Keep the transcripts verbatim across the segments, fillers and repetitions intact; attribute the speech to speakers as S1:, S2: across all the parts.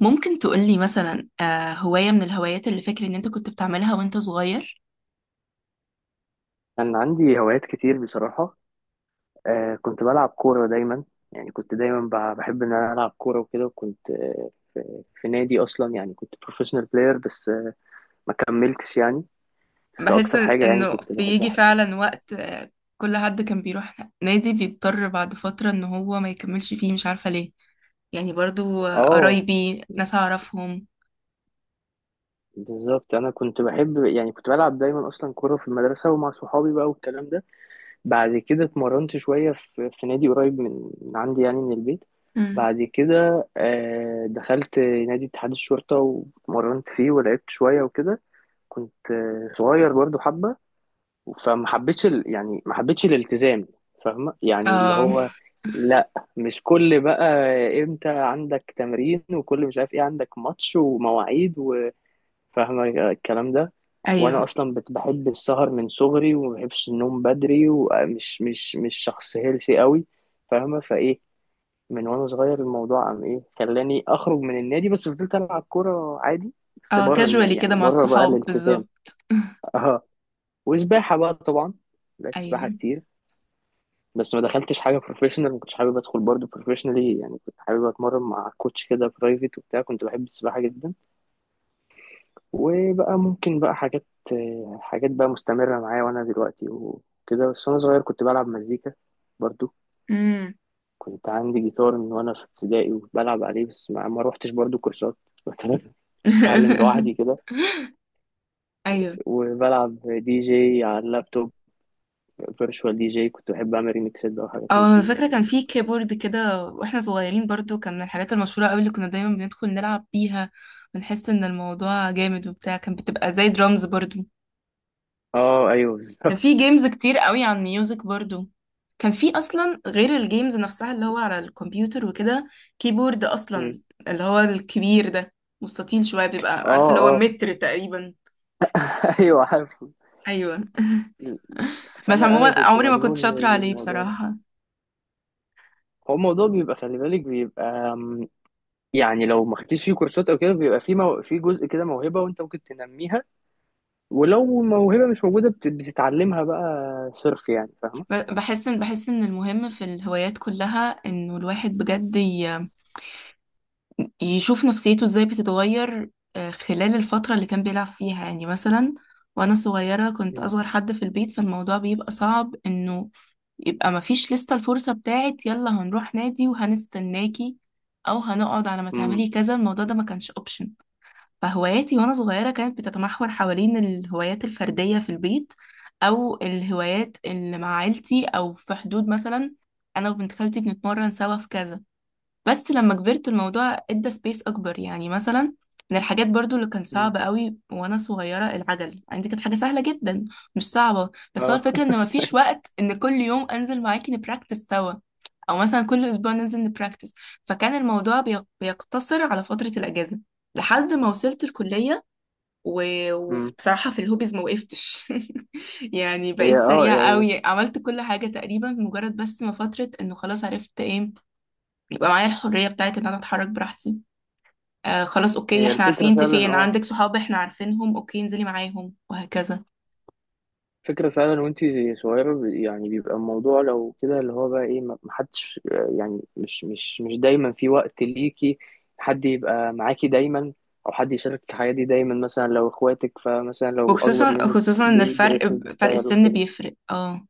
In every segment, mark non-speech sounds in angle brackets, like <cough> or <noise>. S1: ممكن تقولي مثلا آه، هواية من الهوايات اللي فاكر ان انت كنت بتعملها وانت صغير.
S2: كان عندي هوايات كتير بصراحة. آه كنت بلعب كورة دايما، يعني كنت دايما ب- بحب إن أنا ألعب كورة وكده، وكنت آه في نادي أصلا، يعني كنت بروفيشنال بلاير، بس آه ما كملتش يعني. بس
S1: بحس
S2: أكتر حاجة يعني
S1: انه
S2: كنت
S1: بيجي
S2: بحبها.
S1: فعلا وقت آه، كل حد كان بيروح نادي بيضطر بعد فترة ان هو ما يكملش فيه مش عارفة ليه. يعني برضو آه،
S2: آه،
S1: قرايبي ناس اعرفهم.
S2: بالظبط، أنا كنت بحب، يعني كنت بلعب دايما أصلا كورة في المدرسة ومع صحابي بقى والكلام ده. بعد كده اتمرنت شوية في, في نادي قريب من من عندي، يعني من البيت.
S1: مم.
S2: بعد كده آه دخلت نادي اتحاد الشرطة واتمرنت فيه ولعبت شوية وكده. كنت آه، صغير برضو حبة، فما حبيتش ال... يعني ما حبيتش الالتزام، فاهمة؟ يعني اللي
S1: اه
S2: هو لا، مش كل بقى امتى عندك تمرين وكل مش عارف ايه، عندك ماتش ومواعيد، وفاهمة الكلام ده. وانا
S1: ايوه.
S2: اصلا بت- بحب السهر من صغري وما بحبش النوم بدري، ومش مش مش شخص هيلثي قوي، فاهمة فايه؟ من وانا صغير الموضوع عم ايه خلاني اخرج من النادي، بس فضلت العب كورة عادي، بس
S1: اه
S2: بره الن-
S1: كاجوالي
S2: يعني
S1: كده مع
S2: بره بقى
S1: الصحاب
S2: الالتزام.
S1: بالظبط. <laughs>
S2: <laughs> وسباحة بقى طبعا. لعبت سباحة
S1: ايوه.
S2: كتير، بس ما دخلتش حاجة بروفيشنال، ما كنتش حابب ادخل برضه بروفيشنالي، يعني كنت حابب اتمرن مع كوتش كده برايفت وبتاع. كنت بحب السباحة جدا. وبقى ممكن بقى حاجات، حاجات بقى مستمرة معايا وانا دلوقتي وكده. بس وانا صغير كنت بلعب مزيكا برضه.
S1: مم.
S2: كنت عندي جيتار من وانا في ابتدائي وبلعب عليه، بس ما ما روحتش برضه كورسات <laughs> كنت بتعلم
S1: <laughs>
S2: لوحدي كده.
S1: ايوه.
S2: وبلعب دي جي على اللابتوب، فيرتشوال دي جي، كنت بحب اعمل ريميكسات بقى وحاجات من
S1: اه انا
S2: دي
S1: فاكره كان
S2: يعني.
S1: في كيبورد كده واحنا صغيرين برضو كان من الحاجات المشهوره قوي اللي كنا دايما بندخل نلعب بيها. بنحس ان الموضوع جامد وبتاع كان بتبقى زي درامز برضو.
S2: اه، ايوه،
S1: كان
S2: بالظبط.
S1: في جيمز كتير قوي عن ميوزك برضو. كان في اصلا غير الجيمز نفسها اللي هو على الكمبيوتر وكده كيبورد
S2: مم.
S1: اصلا، اللي هو الكبير ده، مستطيل شويه
S2: اه،
S1: بيبقى عارف اللي هو
S2: اه،
S1: متر تقريبا.
S2: <laughs> ايوه عارف.
S1: ايوه. <laughs> بس
S2: فانا
S1: عموما
S2: انا كنت
S1: عمري ما كنت
S2: مجنون
S1: شاطره عليه
S2: بالموضوع ده.
S1: بصراحه.
S2: هو الموضوع بيبقى، خلي بالك، بيبقى أم، يعني لو ما خدتيش فيه كورسات او كده، بيبقى فيه مو... في جزء كده موهبه وانت ممكن تنميها، ولو موهبه مش موجوده بت... بتتعلمها بقى صرف، يعني فاهمه.
S1: ب- بحس ان بحس ان المهم في الهوايات كلها انه الواحد بجد يشوف نفسيته ازاي بتتغير آه، خلال الفترة اللي كان بيلعب فيها. يعني مثلا وانا صغيرة كنت
S2: امم،
S1: اصغر حد في البيت فالموضوع بيبقى صعب انه يبقى مفيش لسه الفرصة بتاعت يلا هنروح نادي وهنستناكي او هنقعد على ما
S2: امم،
S1: تعملي كذا. الموضوع ده ما كانش اوبشن. فهواياتي وانا صغيرة كانت بتتمحور حوالين الهوايات الفردية في البيت، او الهوايات اللي مع عيلتي، او في حدود مثلا انا وبنت خالتي بنتمرن سوا في كذا. بس لما كبرت الموضوع ادى سبيس اكبر. يعني مثلا من الحاجات برضو اللي كان صعب قوي وانا صغيره، العجل عندي كانت حاجه سهله جدا مش صعبه، بس هو
S2: اه،
S1: الفكره ان
S2: <laughs>
S1: مفيش وقت ان كل يوم انزل معاكي نبراكتس سوا او مثلا كل اسبوع ننزل نبراكتس. فكان الموضوع بيق- بيقتصر على فتره الاجازه لحد ما وصلت الكليه. و-
S2: امم.
S1: وبصراحه في الهوبيز ما وقفتش. <laughs> يعني
S2: هي
S1: بقيت
S2: اه
S1: سريعه
S2: يعني
S1: قوي، عملت كل حاجه تقريبا مجرد بس ما فتره انه خلاص عرفت ايه يبقى معايا الحرية بتاعت ان انا اتحرك براحتي. آه خلاص اوكي
S2: هي
S1: احنا عارفين
S2: الفكره
S1: انت
S2: فعلا،
S1: فين،
S2: اه
S1: عندك صحاب احنا عارفينهم، اوكي انزلي معاهم وهكذا.
S2: فكرة فعلا. وانت صغيرة يعني بيبقى الموضوع لو كده، اللي هو بقى ايه، ما- محدش، يعني مش مش مش دايما في وقت ليكي، حد يبقى معاكي دايما، او حد يشارك في الحياة دي دايما، مثلا لو اخواتك، فمثلا لو اكبر
S1: وخصوصا
S2: منك
S1: خصوصا ان الفرق
S2: بيدرسوا
S1: ب- فرق
S2: وبيشتغلوا
S1: السن
S2: وكده.
S1: بيفرق. اه.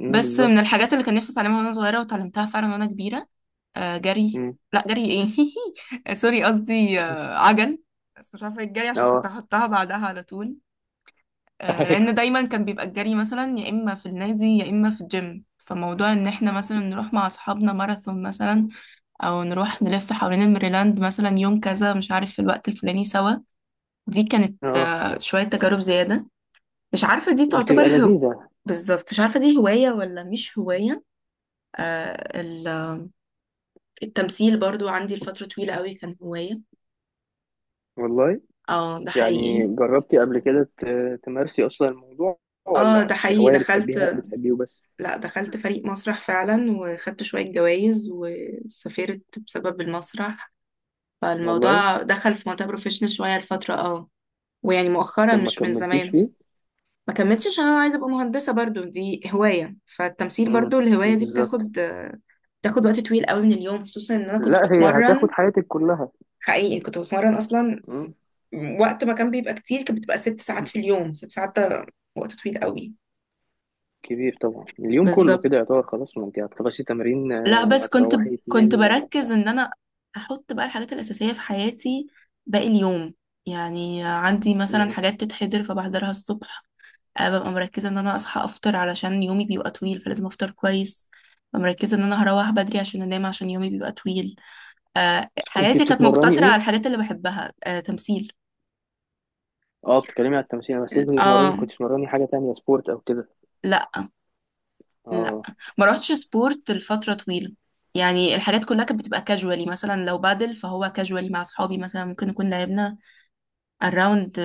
S2: امم،
S1: بس من
S2: بالظبط.
S1: الحاجات اللي كان نفسي اتعلمها وانا صغيرة وتعلمتها فعلا وانا كبيرة آه جري.
S2: امم،
S1: لا جري ايه. <laughs> آه، سوري قصدي آه عجل. بس مش عارفة إيه الجري عشان كنت
S2: اه،
S1: هحطها بعدها على طول.
S2: <laughs>
S1: آه لان
S2: ايوه،
S1: دايما كان بيبقى الجري مثلا يا اما في النادي يا اما في الجيم. فموضوع ان احنا مثلا نروح مع اصحابنا ماراثون مثلا، او نروح نلف حوالين الميريلاند مثلا يوم كذا مش عارف في الوقت الفلاني سوا، دي كانت
S2: اه،
S1: آه، شوية تجارب زيادة. مش عارفة دي تعتبر
S2: بتبقى
S1: هو،
S2: لذيذة.
S1: بالظبط مش عارفة دي هواية ولا مش هواية. آه ال- التمثيل برضو عندي لفترة طويلة قوي كان هواية.
S2: والله،
S1: اه ده حقيقي.
S2: يعني جربتي قبل كده ت- تمارسي اصلا الموضوع،
S1: اه
S2: ولا
S1: ده حقيقي
S2: كهواية
S1: دخلت.
S2: بتحبيها، بتحبيه بس؟
S1: لا دخلت فريق مسرح فعلا، وخدت شوية جوائز وسافرت بسبب المسرح.
S2: والله.
S1: فالموضوع دخل في منطقة بروفيشنال شوية لفترة. اه، ويعني مؤخرا
S2: طب ما
S1: مش من
S2: كملتيش
S1: زمان.
S2: فيه؟
S1: ما كملتش عشان انا عايزه ابقى مهندسه برضو، دي هوايه، فالتمثيل
S2: مم،
S1: برضو الهوايه دي
S2: بالظبط.
S1: بتاخد آه، بتاخد وقت طويل قوي من اليوم، خصوصا ان انا كنت
S2: لا، هي هتاخد
S1: بتمرن.
S2: حياتك كلها.
S1: حقيقي كنت بتمرن اصلا
S2: مم.
S1: وقت ما كان بيبقى كتير كانت بتبقى ست ساعات في اليوم. ست ساعات ده وقت طويل قوي.
S2: كبير طبعا، اليوم كله كده
S1: بالظبط.
S2: يعتبر خلاص، ما انت هتخلصي تمرين آه،
S1: لا بس كنت
S2: وهتروحي
S1: كنت
S2: تنامي ولا
S1: بركز
S2: بتاع.
S1: ان انا احط بقى الحاجات الاساسيه في حياتي. باقي اليوم يعني عندي مثلا
S2: مم.
S1: حاجات تتحضر فبحضرها الصبح. آه، ببقى مركزة ان انا اصحى افطر علشان يومي بيبقى طويل فلازم افطر كويس. ببقى مركزة ان انا هروح بدري عشان انام عشان يومي بيبقى طويل. آه،
S2: بس كنت
S1: حياتي كانت
S2: بتتمرني
S1: مقتصرة
S2: ايه؟
S1: على الحاجات اللي بحبها، آه، تمثيل.
S2: اه، بتتكلمي على التمثيل، بس كنت بتتمرني،
S1: اه.
S2: كنت بتتمرني حاجة تانية سبورت او كده؟
S1: لا لا
S2: اه.
S1: ما روحتش سبورت لفترة طويلة. يعني الحاجات كلها كانت بتبقى كاجوالي. مثلا لو بادل فهو كاجوالي مع اصحابي، مثلا ممكن نكون لعبنا اراوند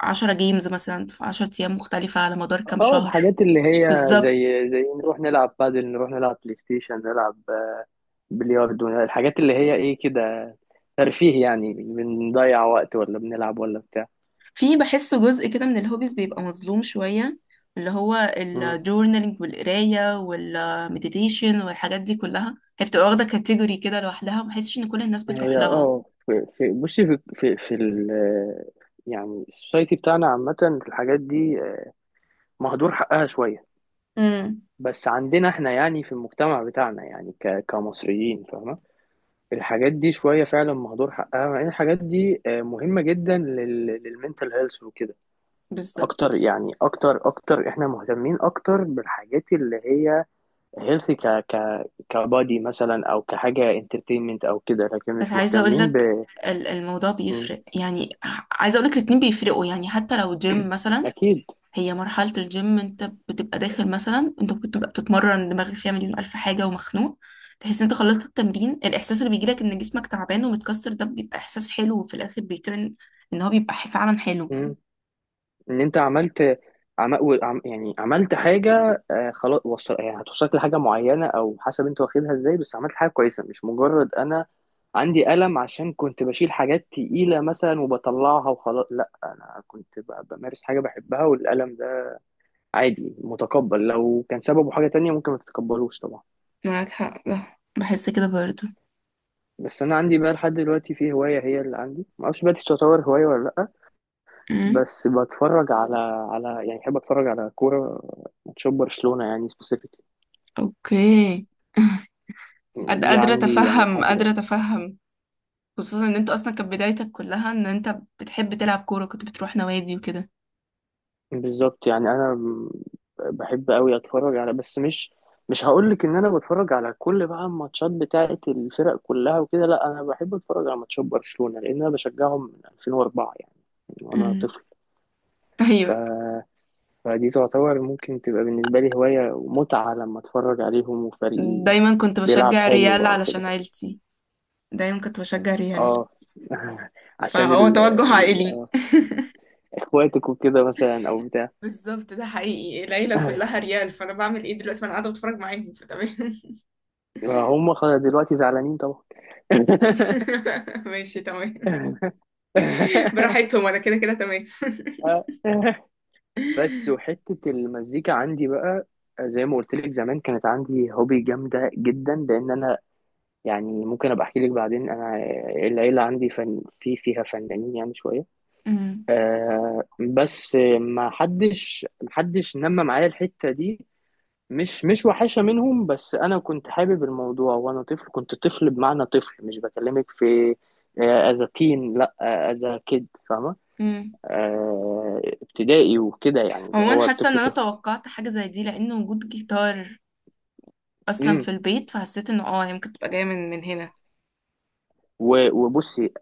S1: عشرة جيمز مثلا في عشرة ايام مختلفة على مدار كام
S2: اه،
S1: شهر.
S2: الحاجات اللي هي
S1: بالظبط.
S2: زي زي نروح نلعب بادل، نروح نلعب بلاي ستيشن، نلعب آه، بلياردو، الحاجات اللي هي ايه كده، ترفيه يعني، بنضيع وقت ولا بنلعب ولا بتاع.
S1: في بحسه جزء كده من الهوبيز بيبقى مظلوم شوية، اللي هو الجورنالينج والقراية والمديتيشن والحاجات دي كلها. هي بتبقى واخدة كاتيجوري كده لوحدها، مبحسش ان كل الناس بتروح
S2: هي
S1: لها.
S2: اه في في بصي في في في ال يعني السوسايتي بتاعنا عامة، في الحاجات دي مهدور حقها شوية.
S1: امم.
S2: بس عندنا احنا، يعني في المجتمع بتاعنا، يعني ك كمصريين، فاهمة، الحاجات دي شوية فعلا مهدور حقها، مع ان الحاجات دي آه، مهمة جدا للمنتال هيلث وكده. اكتر،
S1: بالظبط.
S2: يعني اكتر اكتر احنا مهتمين اكتر بالحاجات اللي هي هيلث ك ك كبادي مثلا، او كحاجة انترتينمنت او كده، لكن
S1: بس
S2: مش
S1: عايزة
S2: مهتمين
S1: اقولك
S2: ب
S1: ال- الموضوع
S2: م،
S1: بيفرق. يعني ع- عايزة اقولك الاتنين بيفرقوا، يعني حتى لو جيم مثلا.
S2: اكيد.
S1: هي مرحلة الجيم انت بتبقى داخل مثلا، انت ممكن تبقى بتتمرن دماغك فيها مليون ألف حاجة ومخنوق، تحس ان انت خلصت التمرين الإحساس اللي بيجيلك ان جسمك تعبان ومتكسر ده بيبقى إحساس حلو، وفي الآخر بيترن ان هو بيبقى فعلا حلو.
S2: ان انت عملت عم... و- عم... يعني عملت حاجه، آه خلاص وصل... يعني هتوصلك لحاجه معينه، او حسب انت واخدها ازاي، بس عملت حاجه كويسه، مش مجرد انا عندي قلم عشان كنت بشيل حاجات تقيله مثلا وبطلعها وخلاص. لا، انا كنت ب... بمارس حاجه بحبها، والقلم ده عادي متقبل، لو كان سببه حاجه تانية ممكن ما تتقبلوش طبعا.
S1: معاك حق، ده بحس كده برضو.
S2: بس انا عندي بقى لحد دلوقتي في هوايه، هي اللي عندي، ما اعرفش بقى دي تعتبر هوايه ولا لا.
S1: امم.
S2: بس بتفرج على، على يعني بحب اتفرج على كوره، ماتشات برشلونه يعني سبيسيفيك.
S1: اوكي. <laughs> قد-
S2: دي
S1: قادرة
S2: عندي يعني
S1: أتفهم،
S2: لحد
S1: قادرة
S2: دلوقتي.
S1: أتفهم. خصوصا إن أنت أصلا كانت بدايتك كلها إن أنت بتحب تلعب كورة، كنت بتروح نوادي وكده.
S2: بالظبط، يعني انا م- بحب قوي اتفرج على، بس مش مش هقول لك ان انا بتفرج على كل بقى الماتشات بتاعه الفرق كلها وكده، لا، انا بحب اتفرج على ماتشات برشلونة لان انا بشجعهم من ألفين وأربعة، يعني من وانا
S1: أمم.
S2: طفل.
S1: <laughs>
S2: ف...
S1: أيوة.
S2: فدي تعتبر ممكن تبقى بالنسبة لي هواية ومتعة، لما اتفرج عليهم وفريقي
S1: دايما كنت
S2: بيلعب
S1: بشجع
S2: حلو
S1: الريال
S2: او كده.
S1: علشان عيلتي. دايما كنت بشجع ريال،
S2: اه، <laughs> عشان
S1: فهو
S2: ال...
S1: توجه
S2: ال...
S1: عائلي. <laughs>
S2: اخواتك وكده مثلا او بتاع.
S1: بالظبط، ده حقيقي، العيلة كلها
S2: <laughs>
S1: ريال، فأنا بعمل إيه دلوقتي ما أنا قاعدة بتفرج معاهم، فتمام.
S2: ما هم خ- دلوقتي زعلانين طبعا.
S1: <laughs> ماشي تمام.
S2: <laughs>
S1: براحتهم أنا كده كده تمام.
S2: بس وحتة المزيكا عندي بقى، زي ما قلت لك زمان كانت عندي هوبي جامدة جدا، لأن أنا، يعني ممكن أبقى أحكي لك بعدين، أنا العيلة عندي فن، في فيها فنانين يعني شوية.
S1: أمم،
S2: آه بس ما حدش ما حدش نمى معايا الحتة دي. مش مش وحشة منهم، بس أنا كنت حابب الموضوع، وأنا طفل، كنت طفل بمعنى طفل، مش بكلمك في أذا تين، لأ، أذا كيد، فاهمة؟
S1: أمم.
S2: آه، ابتدائي وكده يعني، اللي
S1: عموما
S2: هو
S1: حاسة إن
S2: الطفل
S1: أنا
S2: طفل.
S1: توقعت حاجة زي دي لأن وجود جيتار أصلا في البيت، فحسيت إنه آه هي ممكن تبقى جاية من من هنا.
S2: و- وبصي،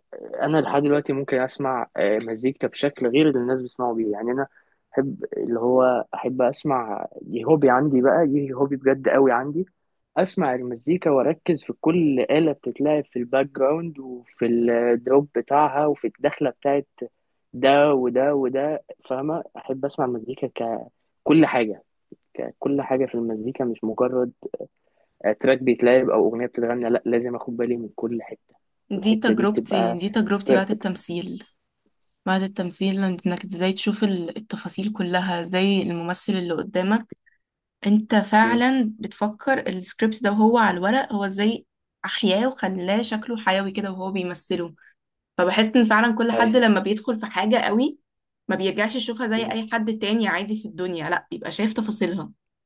S2: انا لحد دلوقتي ممكن اسمع آه، مزيكا بشكل غير اللي الناس بيسمعوا بيه، يعني انا احب اللي هو احب اسمع، دي هوبي عندي بقى، دي هوبي بجد قوي عندي. اسمع المزيكا واركز في كل آلة بتتلعب في الباك جراوند، وفي الدروب بتاعها، وفي الدخلة بتاعت ده وده وده، فاهمة، احب اسمع المزيكا ككل حاجة، ككل حاجة في المزيكا، مش مجرد تراك بيتلعب او اغنيه بتتغنى، لا، لازم اخد بالي من كل حته،
S1: دي
S2: والحته دي
S1: تجربتي
S2: تبقى
S1: دي تجربتي بعد
S2: بيرفكت.
S1: التمثيل بعد التمثيل إنك إزاي تشوف ال- التفاصيل كلها زي الممثل اللي قدامك. انت فعلا بتفكر السكريبت ده وهو على الورق هو ازاي احياه وخلاه شكله حيوي كده وهو بيمثله. فبحس ان فعلا كل حد
S2: ايوه.
S1: لما بيدخل في حاجة قوي ما بيرجعش يشوفها زي اي حد تاني عادي في الدنيا، لا بيبقى شايف تفاصيلها.